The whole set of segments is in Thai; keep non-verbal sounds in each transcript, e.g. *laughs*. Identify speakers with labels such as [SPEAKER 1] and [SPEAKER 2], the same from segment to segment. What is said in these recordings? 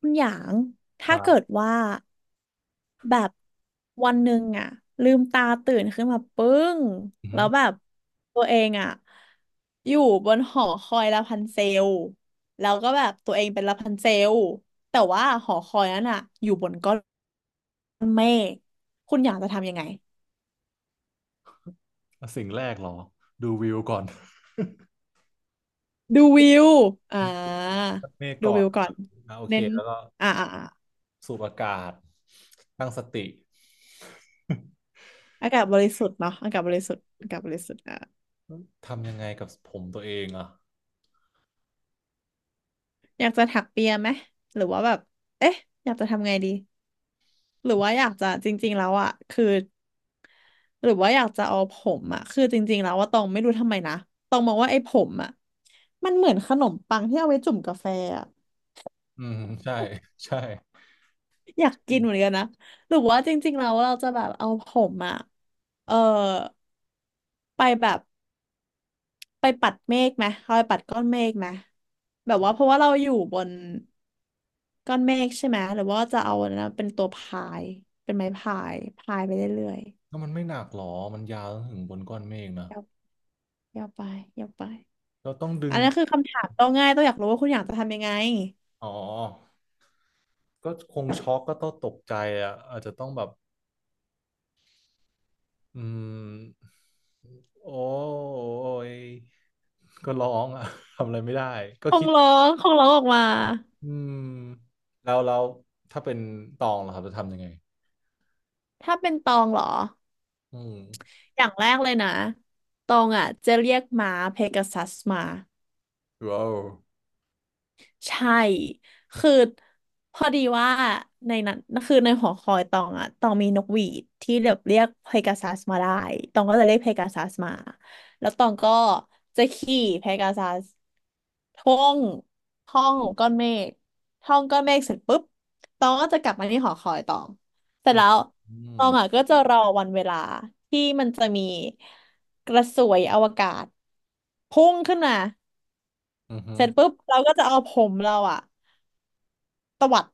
[SPEAKER 1] คุณหยาง
[SPEAKER 2] ค
[SPEAKER 1] ถ้า
[SPEAKER 2] รั
[SPEAKER 1] เกิด
[SPEAKER 2] บ
[SPEAKER 1] ว่าแบบวันหนึ่งอะลืมตาตื่นขึ้นมาปึ้ง
[SPEAKER 2] อือ
[SPEAKER 1] แล้
[SPEAKER 2] ฮึ
[SPEAKER 1] วแบบตัวเองอะอยู่บนหอคอยลาพันเซลแล้วก็แบบตัวเองเป็นลาพันเซลแต่ว่าหอคอยนั้นอะอยู่บนก้อนเมฆคุณหยางจะทำยังไง
[SPEAKER 2] สิ่งแรกเหรอดูวิวก่อน
[SPEAKER 1] ดูวิวอ่
[SPEAKER 2] *laughs*
[SPEAKER 1] า
[SPEAKER 2] ตับเมฆ
[SPEAKER 1] ดู
[SPEAKER 2] ก่อ
[SPEAKER 1] วิ
[SPEAKER 2] น
[SPEAKER 1] วก่อ
[SPEAKER 2] ครั
[SPEAKER 1] น
[SPEAKER 2] บอ่ะโอเค
[SPEAKER 1] เน้น
[SPEAKER 2] แล้วก็
[SPEAKER 1] อ่าอ่าอ่า
[SPEAKER 2] สูดอากาศตั้งสติ
[SPEAKER 1] อากาศบริสุทธิ์เนาะอากาศบริสุทธิ์อากาศบริสุทธิ์
[SPEAKER 2] *laughs* ทำยังไงกับผมตัวเองอ่ะ
[SPEAKER 1] อยากจะถักเปียไหมหรือว่าแบบเอ๊ะอยากจะทำไงดีหรือว่าอยากจะจริงๆแล้วอ่ะคือหรือว่าอยากจะเอาผมอ่ะคือจริงๆแล้วว่าตองไม่รู้ทำไมนะตองมองว่าไอ้ผมอ่ะมันเหมือนขนมปังที่เอาไว้จุ่มกาแฟอ่ะ
[SPEAKER 2] อืมใช่ใช่
[SPEAKER 1] อยากกินเหมือนกันนะหรือว่าจริงๆแล้วเราจะแบบเอาผมอ่ะเออไปแบบไปปัดเมฆไหมเอาไปปัดก้อนเมฆไหมแบบว่าเพราะว่าเราอยู่บน ก้อนเมฆใช่ไหมหรือว่าจะเอาอันนะเป็นตัวพายเป็นไม้พายพายไปเรื่อย
[SPEAKER 2] แล้วมันไม่หนักหรอมันยาวถึงบนก้อนเมฆนะ
[SPEAKER 1] ๆยาวยาวไปยาวไป
[SPEAKER 2] เราต้องดึ
[SPEAKER 1] อั
[SPEAKER 2] ง
[SPEAKER 1] นนั้นคือคำถามต้องง่ายต้องอยากรู้ว่าคุณอยากจะทำยังไง
[SPEAKER 2] อ๋อก็คงช็อกก็ต้องตกใจอ่ะอาจจะต้องแบบอืมโอ้ยก็ร้องอ่ะ *laughs* ทำอะไรไม่ได้ก็
[SPEAKER 1] ค
[SPEAKER 2] คิ
[SPEAKER 1] ง
[SPEAKER 2] ด
[SPEAKER 1] ร้องคงร้องออกมา
[SPEAKER 2] อืมแล้วแล้วถ้าเป็นตองล่ะครับจะทำยังไง
[SPEAKER 1] ถ้าเป็นตองเหรอ
[SPEAKER 2] อืม
[SPEAKER 1] อย่างแรกเลยนะตองอ่ะจะเรียกม้าเพกาซัสมา
[SPEAKER 2] ว้าว
[SPEAKER 1] ใช่คือพอดีว่าในนั้นคือในหอคอยตองอะตองมีนกหวีดที่แบบเรียกเพกาซัสมาได้ตองก็จะเรียกเพกาซัสมาแล้วตองก็จะขี่เพกาซัสท่องท่องก้อนเมฆท่องก้อนเมฆเสร็จปุ๊บตองก็จะกลับมาที่หอคอยตองเสร็จ
[SPEAKER 2] อืม
[SPEAKER 1] แล้ว
[SPEAKER 2] อื
[SPEAKER 1] ต
[SPEAKER 2] ม
[SPEAKER 1] องอะก็จะรอวันเวลาที่มันจะมีกระสวยอวกาศพุ่งขึ้นมา
[SPEAKER 2] อือฮึ
[SPEAKER 1] เสร็จปุ๊บเราก็จะเอาผมเราอะ ตวัด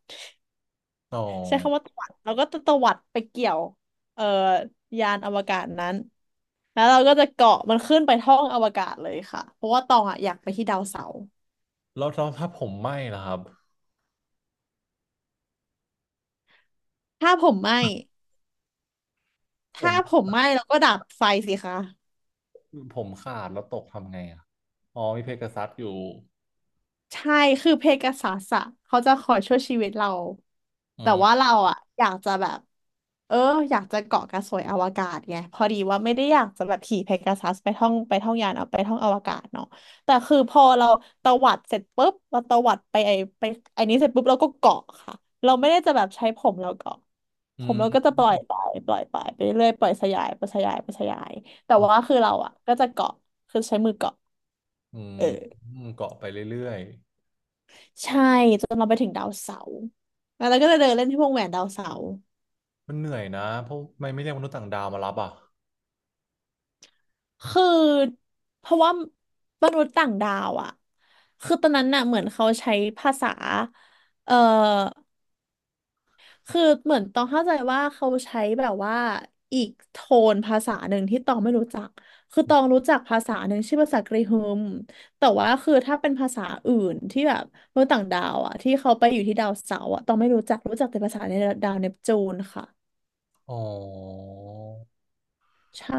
[SPEAKER 2] อ๋อ
[SPEAKER 1] ใช้คำว่าตวัดเราก็จะตวัดไปเกี่ยวเอ่อยานอวกาศนั้นแล้วเราก็จะเกาะมันขึ้นไปท้องอวกาศเลยค่ะเพราะว่าตองอ่ะอยากไปที่ดาวเสาร์
[SPEAKER 2] แล้วแล้วถ้าผมไหม้ล่ะครับ
[SPEAKER 1] ถ้าผมไหม้
[SPEAKER 2] ผ
[SPEAKER 1] ถ้าผ
[SPEAKER 2] ม
[SPEAKER 1] มไหม้เราก็ดับไฟสิคะ
[SPEAKER 2] ผมขาดแล้วตกทำไงอ่ะอ๋อมีเพกาซัสอยู่
[SPEAKER 1] ใช่ คือเพกาซัสอะเขาจะคอยช่วยชีวิตเรา
[SPEAKER 2] อื
[SPEAKER 1] แต่
[SPEAKER 2] ม
[SPEAKER 1] ว่าเราอะอยากจะแบบเอออยากจะเกาะกระสวยอวกาศไงพอดีว่าไม่ได้อยากจะแบบขี่เพกาซัสไปท่องไปท่องยานเอาไปท่องอวกาศเนาะแต่คือพอเราตวัดเสร็จปุ๊บเราตวัดไปไอไปไอนี้เสร็จปุ๊บเราก็เกาะค่ะเราไม่ได้จะแบบใช้ผมเราเกาะ
[SPEAKER 2] อื
[SPEAKER 1] ผมเราก็
[SPEAKER 2] ม
[SPEAKER 1] จะปล่อยไปปล่อยไปไปเรื่อยๆปล่อยสยายปล่อยสยายปล่อยสยายแต่
[SPEAKER 2] อ๋อ
[SPEAKER 1] ว่าคือเราอะก็จะเกาะคือใช้มือเกาะ
[SPEAKER 2] อืม
[SPEAKER 1] เออ
[SPEAKER 2] อืมเกาะไปเรื่อย
[SPEAKER 1] ใช่จนเราไปถึงดาวเสาร์แล้วเราก็จะเดินเล่นที่วงแหวนดาวเสาร์
[SPEAKER 2] ๆมันเหนื่อยนะ เพราะทำไม่ไม่เรียกมนุษย์ต่างดาวมารับอ่ะ
[SPEAKER 1] คือเพราะว่ามนุษย์ต่างดาวอ่ะคือตอนนั้นน่ะเหมือนเขาใช้ภาษาเอ่อคือเหมือนต้องเข้าใจว่าเขาใช้แบบว่าอีกโทนภาษาหนึ่งที่ตองไม่รู้จักคือตองรู้จักภาษาหนึ่งชื่อภาษากรีฮึมแต่ว่าคือถ้าเป็นภาษาอื่นที่แบบมนุษย์ต่างดาวอ่ะที่เขาไปอยู่ที่ดาวเสาร์อ่ะตองไม่รู้จักรู้จักแต่ภาษาในดาวเนปจูนค่ะ
[SPEAKER 2] อ๋อ
[SPEAKER 1] ใช่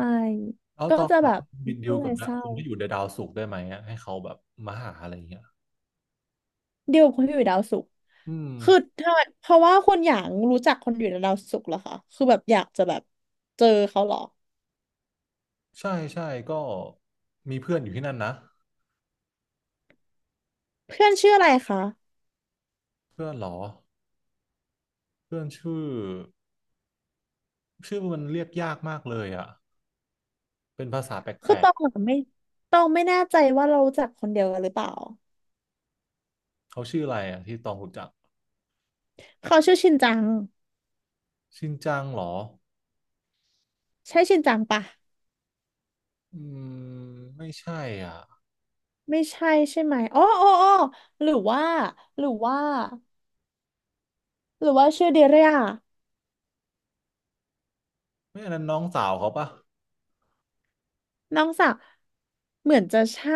[SPEAKER 2] แล้ว
[SPEAKER 1] ก็
[SPEAKER 2] ตอน
[SPEAKER 1] จะ
[SPEAKER 2] แบ
[SPEAKER 1] แบ
[SPEAKER 2] บ
[SPEAKER 1] บ
[SPEAKER 2] บินดิ
[SPEAKER 1] ก็
[SPEAKER 2] ว
[SPEAKER 1] เล
[SPEAKER 2] กั
[SPEAKER 1] ย
[SPEAKER 2] บนะ
[SPEAKER 1] เศร้า
[SPEAKER 2] คนที่อยู่ในดาวศุกร์ได้ไหมอะให้เขาแบบมาหาอะไรอย่างเงี้ย
[SPEAKER 1] เดียวกับคนที่อยู่ดาวศุกร์
[SPEAKER 2] อืม
[SPEAKER 1] คือถ้าเพราะว่าคนอย่างรู้จักคนอยู่ในดาวศุกร์เหรอคะคือแบบอยากจะแบบเจอเขาเหรอ
[SPEAKER 2] ใช่ใช่ก็มีเพื่อนอยู่ที่นั่นนะ
[SPEAKER 1] เพื่อนชื่ออะไรคะ
[SPEAKER 2] เพื่อนเหรอเพื่อนชื่อชื่อมันเรียกยากมากเลยอ่ะเป็นภาษาแป
[SPEAKER 1] คื
[SPEAKER 2] ล
[SPEAKER 1] อต
[SPEAKER 2] ก
[SPEAKER 1] องอะไม่ตองไม่แน่ใจว่าเรารู้จักคนเดียวกันหรือเปล่า
[SPEAKER 2] ๆเขาชื่ออะไรอ่ะที่ตองรู้จัก
[SPEAKER 1] เขาชื่อชินจัง
[SPEAKER 2] ชินจังเหรอ
[SPEAKER 1] ใช่ชินจังปะ
[SPEAKER 2] อืมไม่ใช่อ่ะ
[SPEAKER 1] ไม่ใช่ใช่ไหมอ๋ออ๋ออ๋อหรือว่าหรือว่าหรือว่าชื่อเดเรีย
[SPEAKER 2] ไม่อันนั้นน้องสาวเขาปะ
[SPEAKER 1] น้องสาวเหมือนจะใช่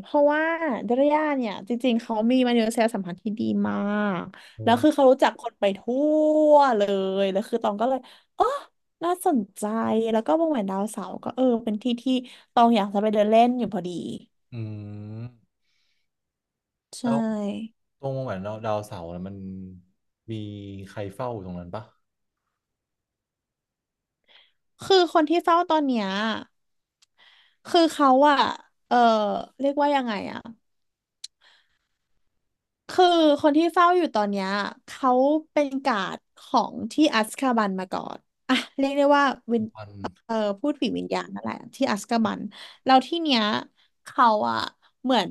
[SPEAKER 1] เพราะว่าดรย่าเนี่ยจริงๆ เขามีมนุษยสัมพันธ์ที่ดีมากแล้
[SPEAKER 2] โอ้
[SPEAKER 1] วคือเขารู้จักคนไปทั่วเลยแล้วคือตองก็เลยอ๋อน่าสนใจแล้วก็วงแหวนดาวเสาร์ก็เออเป็นที่ที่ตองอยากจะไปเดินเล่นอยู่พอดี
[SPEAKER 2] อืม
[SPEAKER 1] ใช
[SPEAKER 2] แล้ว
[SPEAKER 1] ่
[SPEAKER 2] ตรงเหมือนเราดาวเสาร์น่ะมันมีใครเฝ้าอยู่ตรงนั้นปะ
[SPEAKER 1] คือคนที่เฝ้าตอนเนี้ยคือเขาอะเออเรียกว่ายังไงอะ คือคนที่เฝ้าอยู่ตอนเนี้ยเขาเป็นการ์ดของที่อัซคาบันมาก่อนอ่ะเรียกได้ว่าวิน
[SPEAKER 2] วัน
[SPEAKER 1] เอ่อพูดผีวิญญาณนั่นแหละที่อัซคาบันแล้วที่เนี้ยเขาอะเหมือน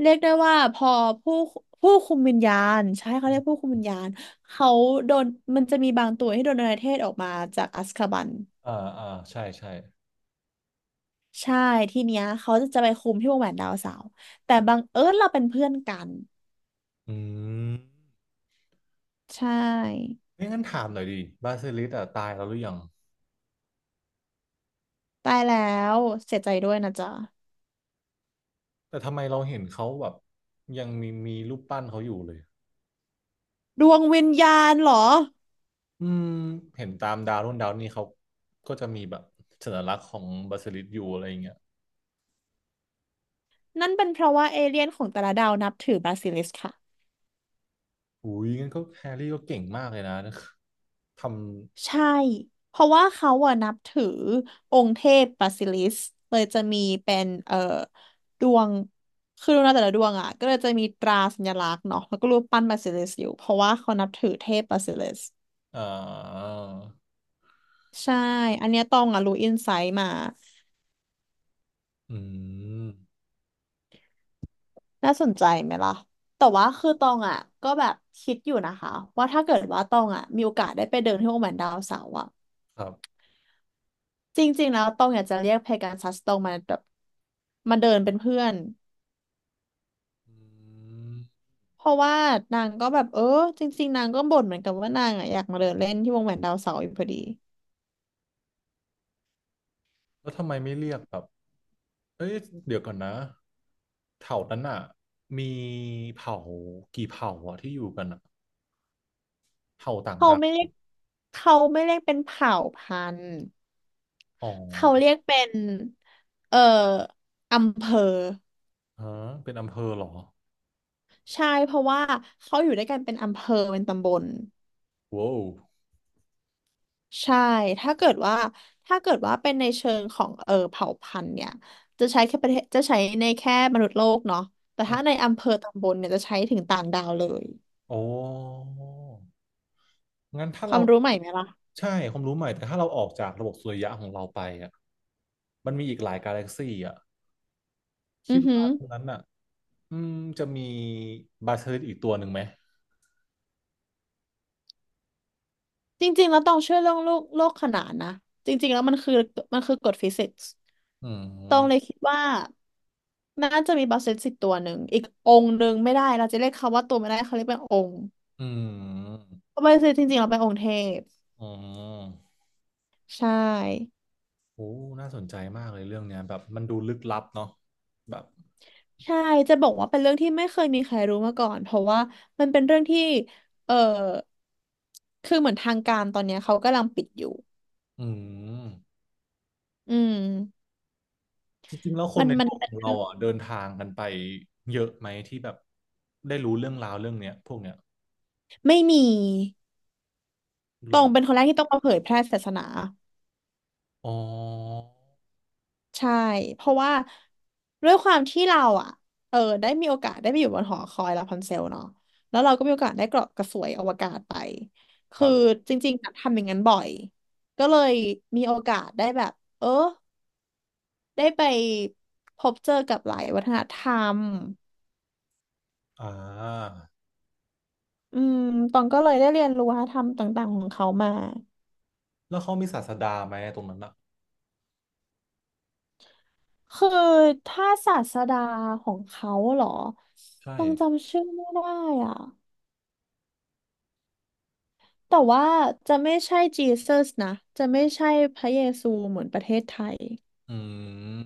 [SPEAKER 1] เรียกได้ว่าพอผู้ผู้คุมวิญญาณใช่เขาเรียกผู้คุมวิญญาณเขาโดนมันจะมีบางตัวที่โดนอนาเทศออกมาจากอัซคาบัน
[SPEAKER 2] อ่าอ่าใช่ใช่
[SPEAKER 1] ใช่ที่เนี้ยเขาจะไปคุมที่วงแหวนดาวเสาร์แต่บังเอิญเราเป็นเพื่อนกัน
[SPEAKER 2] อืม
[SPEAKER 1] ใช่
[SPEAKER 2] ไม่งั้นถามหน่อยดิบาซิลิสอ่ะตายแล้วหรือยัง
[SPEAKER 1] ตายแล้วเสียใจด้วยนะจ๊ะ
[SPEAKER 2] แต่ทำไมเราเห็นเขาแบบยังมีรูปปั้นเขาอยู่เลย
[SPEAKER 1] ดวงวิญญาณเหรอ
[SPEAKER 2] อืมเห็นตามดาวนู่นดาวนี่เขาก็จะมีแบบสัญลักษณ์ของบาสิลิสอยู่อะไรอย่างเงี้ย
[SPEAKER 1] นั่นเป็นเพราะว่าเอเลี่ยนของแต่ละดาวนับถือบาซิลิสค่ะ
[SPEAKER 2] อุ้ยงั้นก็แฮร์รี่ก็เก่งมากเลยนะท
[SPEAKER 1] ใช่เพราะว่าเขาอะนับถือองค์เทพบาซิลิสเลยจะมีเป็นดวงคือดวงดาวแต่ละดวงอะก็เลยจะมีตราสัญลักษณ์เนาะแล้วก็รูปปั้นบาซิลิสอยู่เพราะว่าเขานับถือเทพบาซิลิส
[SPEAKER 2] ำ
[SPEAKER 1] ใช่อันเนี้ยตองอะรู้อินไซต์มา
[SPEAKER 2] อืม
[SPEAKER 1] น่าสนใจไหมล่ะแต่ว่าคือตองอ่ะก็แบบคิดอยู่นะคะว่าถ้าเกิดว่าตองอ่ะมีโอกาสได้ไปเดินที่โอแมนดาวเสาร์อ่ะ
[SPEAKER 2] ครับ
[SPEAKER 1] จริงๆแล้วตองอยากจะเรียกเพกาซัสตองมาแบบมาเดินเป็นเพื่อน
[SPEAKER 2] อืม
[SPEAKER 1] เพราะว่านางก็แบบจริงๆนางก็บ่นเหมือนกันว่านางอ่ะอยากมาเดินเล่นที่วงแหวนดาวเสาร์อยู่พอดี
[SPEAKER 2] แล้วทำไมไม่เรียกแบบเอ้ยเดี๋ยวก่อนนะเผ่านั้นอ่ะมีเผ่ากี่เผ่าอ่ะที่อยู่กันอ่ะเผ่าต่าง
[SPEAKER 1] เขา
[SPEAKER 2] ดาว
[SPEAKER 1] ไม่เรียกเขาไม่เรียกเป็นเผ่าพันธุ์
[SPEAKER 2] อ๋
[SPEAKER 1] เขา
[SPEAKER 2] อ
[SPEAKER 1] เรียกเป็นเอ่ออำเภอ
[SPEAKER 2] ฮะเป็นอำเภอเหรอ
[SPEAKER 1] ใช่เพราะว่าเขาอยู่ด้วยกันเป็นอำเภอเป็นตำบล
[SPEAKER 2] ว้าว
[SPEAKER 1] ใช่ ถ้าเกิดว่า เป็นในเชิงของเผ่าพันธุ์เนี่ยจะใช้แค่ประเทศจะใช้ในแค่มนุษย์โลกเนาะแต่
[SPEAKER 2] อื
[SPEAKER 1] ถ้าใน
[SPEAKER 2] ม
[SPEAKER 1] อำเภอตำบลเนี่ยจะใช้ถึงต่างดาวเลย
[SPEAKER 2] อ๋องั้นถ้า
[SPEAKER 1] ค
[SPEAKER 2] เรา
[SPEAKER 1] วามรู้ใหม่ไหมล่ะ
[SPEAKER 2] ใช่ความรู้ใหม่แต่ถ้าเราออกจากระบบสุริยะของเราไปอ่ะมันมีอีกหลายกาแล็กซี่อ่ะ
[SPEAKER 1] อื
[SPEAKER 2] คิด
[SPEAKER 1] อหื
[SPEAKER 2] ว่า
[SPEAKER 1] อ
[SPEAKER 2] ตรงนั้นอ่ะอืมจะมีบาเทอร์อีกตัวหนึ่งไหม
[SPEAKER 1] จริงๆแล้วต้องเชื่อเรื่องโลกโลกขนานนะ จริงๆแล้วมันคือกฎฟิสิกส์
[SPEAKER 2] อื
[SPEAKER 1] ต้องเลย
[SPEAKER 2] ม
[SPEAKER 1] คิดว่าน่าจะมีบาเซตสิบตัวหนึ่งอีกองค์หนึ่งไม่ได้เราจะเรียกเขาว่าตัวไม่ได้เขาเรียกเป็นองค์
[SPEAKER 2] อืม
[SPEAKER 1] เพราะบาเซตจริงๆเราเป็นองค์เทพ
[SPEAKER 2] อืม
[SPEAKER 1] ใช่
[SPEAKER 2] โอ้น่าสนใจมากเลยเรื่องเนี้ย แบบมันดูลึกลับเนาะแบบ
[SPEAKER 1] ใช่จะบอกว่าเป็นเรื่องที่ไม่เคยมีใครรู้มาก่อนเพราะว่ามันเป็นเรื่องที่เออคือเหมือนทางการตอนเนี้ยเขากำลังปิดอยู่
[SPEAKER 2] อืม
[SPEAKER 1] อืม
[SPEAKER 2] จริงๆแล้วค
[SPEAKER 1] มั
[SPEAKER 2] น
[SPEAKER 1] น
[SPEAKER 2] ใน
[SPEAKER 1] มั
[SPEAKER 2] โล
[SPEAKER 1] น
[SPEAKER 2] กข
[SPEAKER 1] เป็น
[SPEAKER 2] องเรา
[SPEAKER 1] เรื่อง
[SPEAKER 2] อ่ะเดินทางกันไปเยอะไหมที่แบบได้รู้เรื่องราวเรื่องเนี้ยพวกเนี้ย
[SPEAKER 1] ไม่มี
[SPEAKER 2] ห
[SPEAKER 1] ต
[SPEAKER 2] ร
[SPEAKER 1] อ
[SPEAKER 2] อ
[SPEAKER 1] งเป็นคนแรกที่ต้องมาเผยแพร่ศาสนา
[SPEAKER 2] อ๋อ
[SPEAKER 1] ใช่เพราะว่าด้วยความที่เราอ่ะได้มีโอกาสได้ไปอยู่บนหอคอยลาพันเซลเนาะแล้วเราก็มีโอกาสได้เกาะกระสวยอวกาศไป
[SPEAKER 2] ค
[SPEAKER 1] คื
[SPEAKER 2] รั
[SPEAKER 1] อ
[SPEAKER 2] บ
[SPEAKER 1] จริงๆอะทำอย่างนั้นบ่อยก็เลยมีโอกาสได้แบบเออ ได้ไปพบเจอกับหลายวัฒนธรรม
[SPEAKER 2] อ่า
[SPEAKER 1] อืมตองก็เลยได้เรียนรู้วัฒนธรรมต่างๆของเขามา
[SPEAKER 2] แล้วเขามีศาสดาไหมตรงนั้นอ่ะ
[SPEAKER 1] คือถ้าศาสดาของเขาเหรอ
[SPEAKER 2] ใช่
[SPEAKER 1] ต้องจำชื่อไม่ได้อ่ะแต่ว่าจะไม่ใช่จีเซสนะจะไม่ใช่พระเยซูเหมือนประเทศไทย
[SPEAKER 2] อืม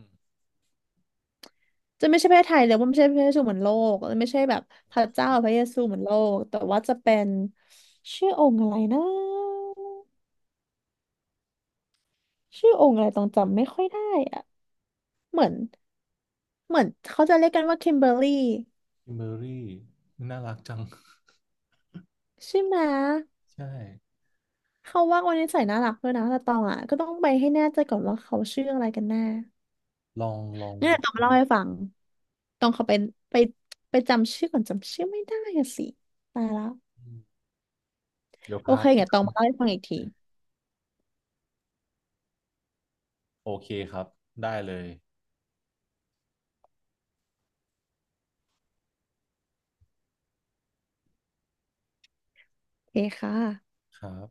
[SPEAKER 1] จะไม่ใช่ประเทศไทยเลยว่าไม่ใช่พระเยซูเหมือนโลกไม่ใช่แบบพระเจ้าพระเยซูเหมือนโลกแต่ว่าจะเป็นชื่อองค์อะไรนะชื่อองค์อะไรต้องจำไม่ค่อยได้อะ เหมือนเหมือนเขาจะเรียกกันว่าคิมเบอร์รี่
[SPEAKER 2] คิมเบอรี่น่ารักจัง *laughs*
[SPEAKER 1] ใช่ไหม
[SPEAKER 2] ใช่
[SPEAKER 1] เขาว่าวันนี้ใส่น่ารักด้วยนะแต่ตองอ่ะก็ต้องไปให้แน่ใจก่อนว่าเขาชื่ออะไรกันแน่
[SPEAKER 2] ลองลอง
[SPEAKER 1] เนี่ย
[SPEAKER 2] ลอ
[SPEAKER 1] ต้องมา
[SPEAKER 2] ง
[SPEAKER 1] เล่าให้ฟังต้องเขาไปไปจำชื่อก่อนจำชื่อไม่ได้อะสิตายละ
[SPEAKER 2] เดี๋ยว
[SPEAKER 1] โอ
[SPEAKER 2] พั
[SPEAKER 1] เค
[SPEAKER 2] ด
[SPEAKER 1] เดี๋ยวต้องมาเล่าให้ฟังอีกที
[SPEAKER 2] โอเคครับได้เลย
[SPEAKER 1] โอเคค่ะ
[SPEAKER 2] ครับ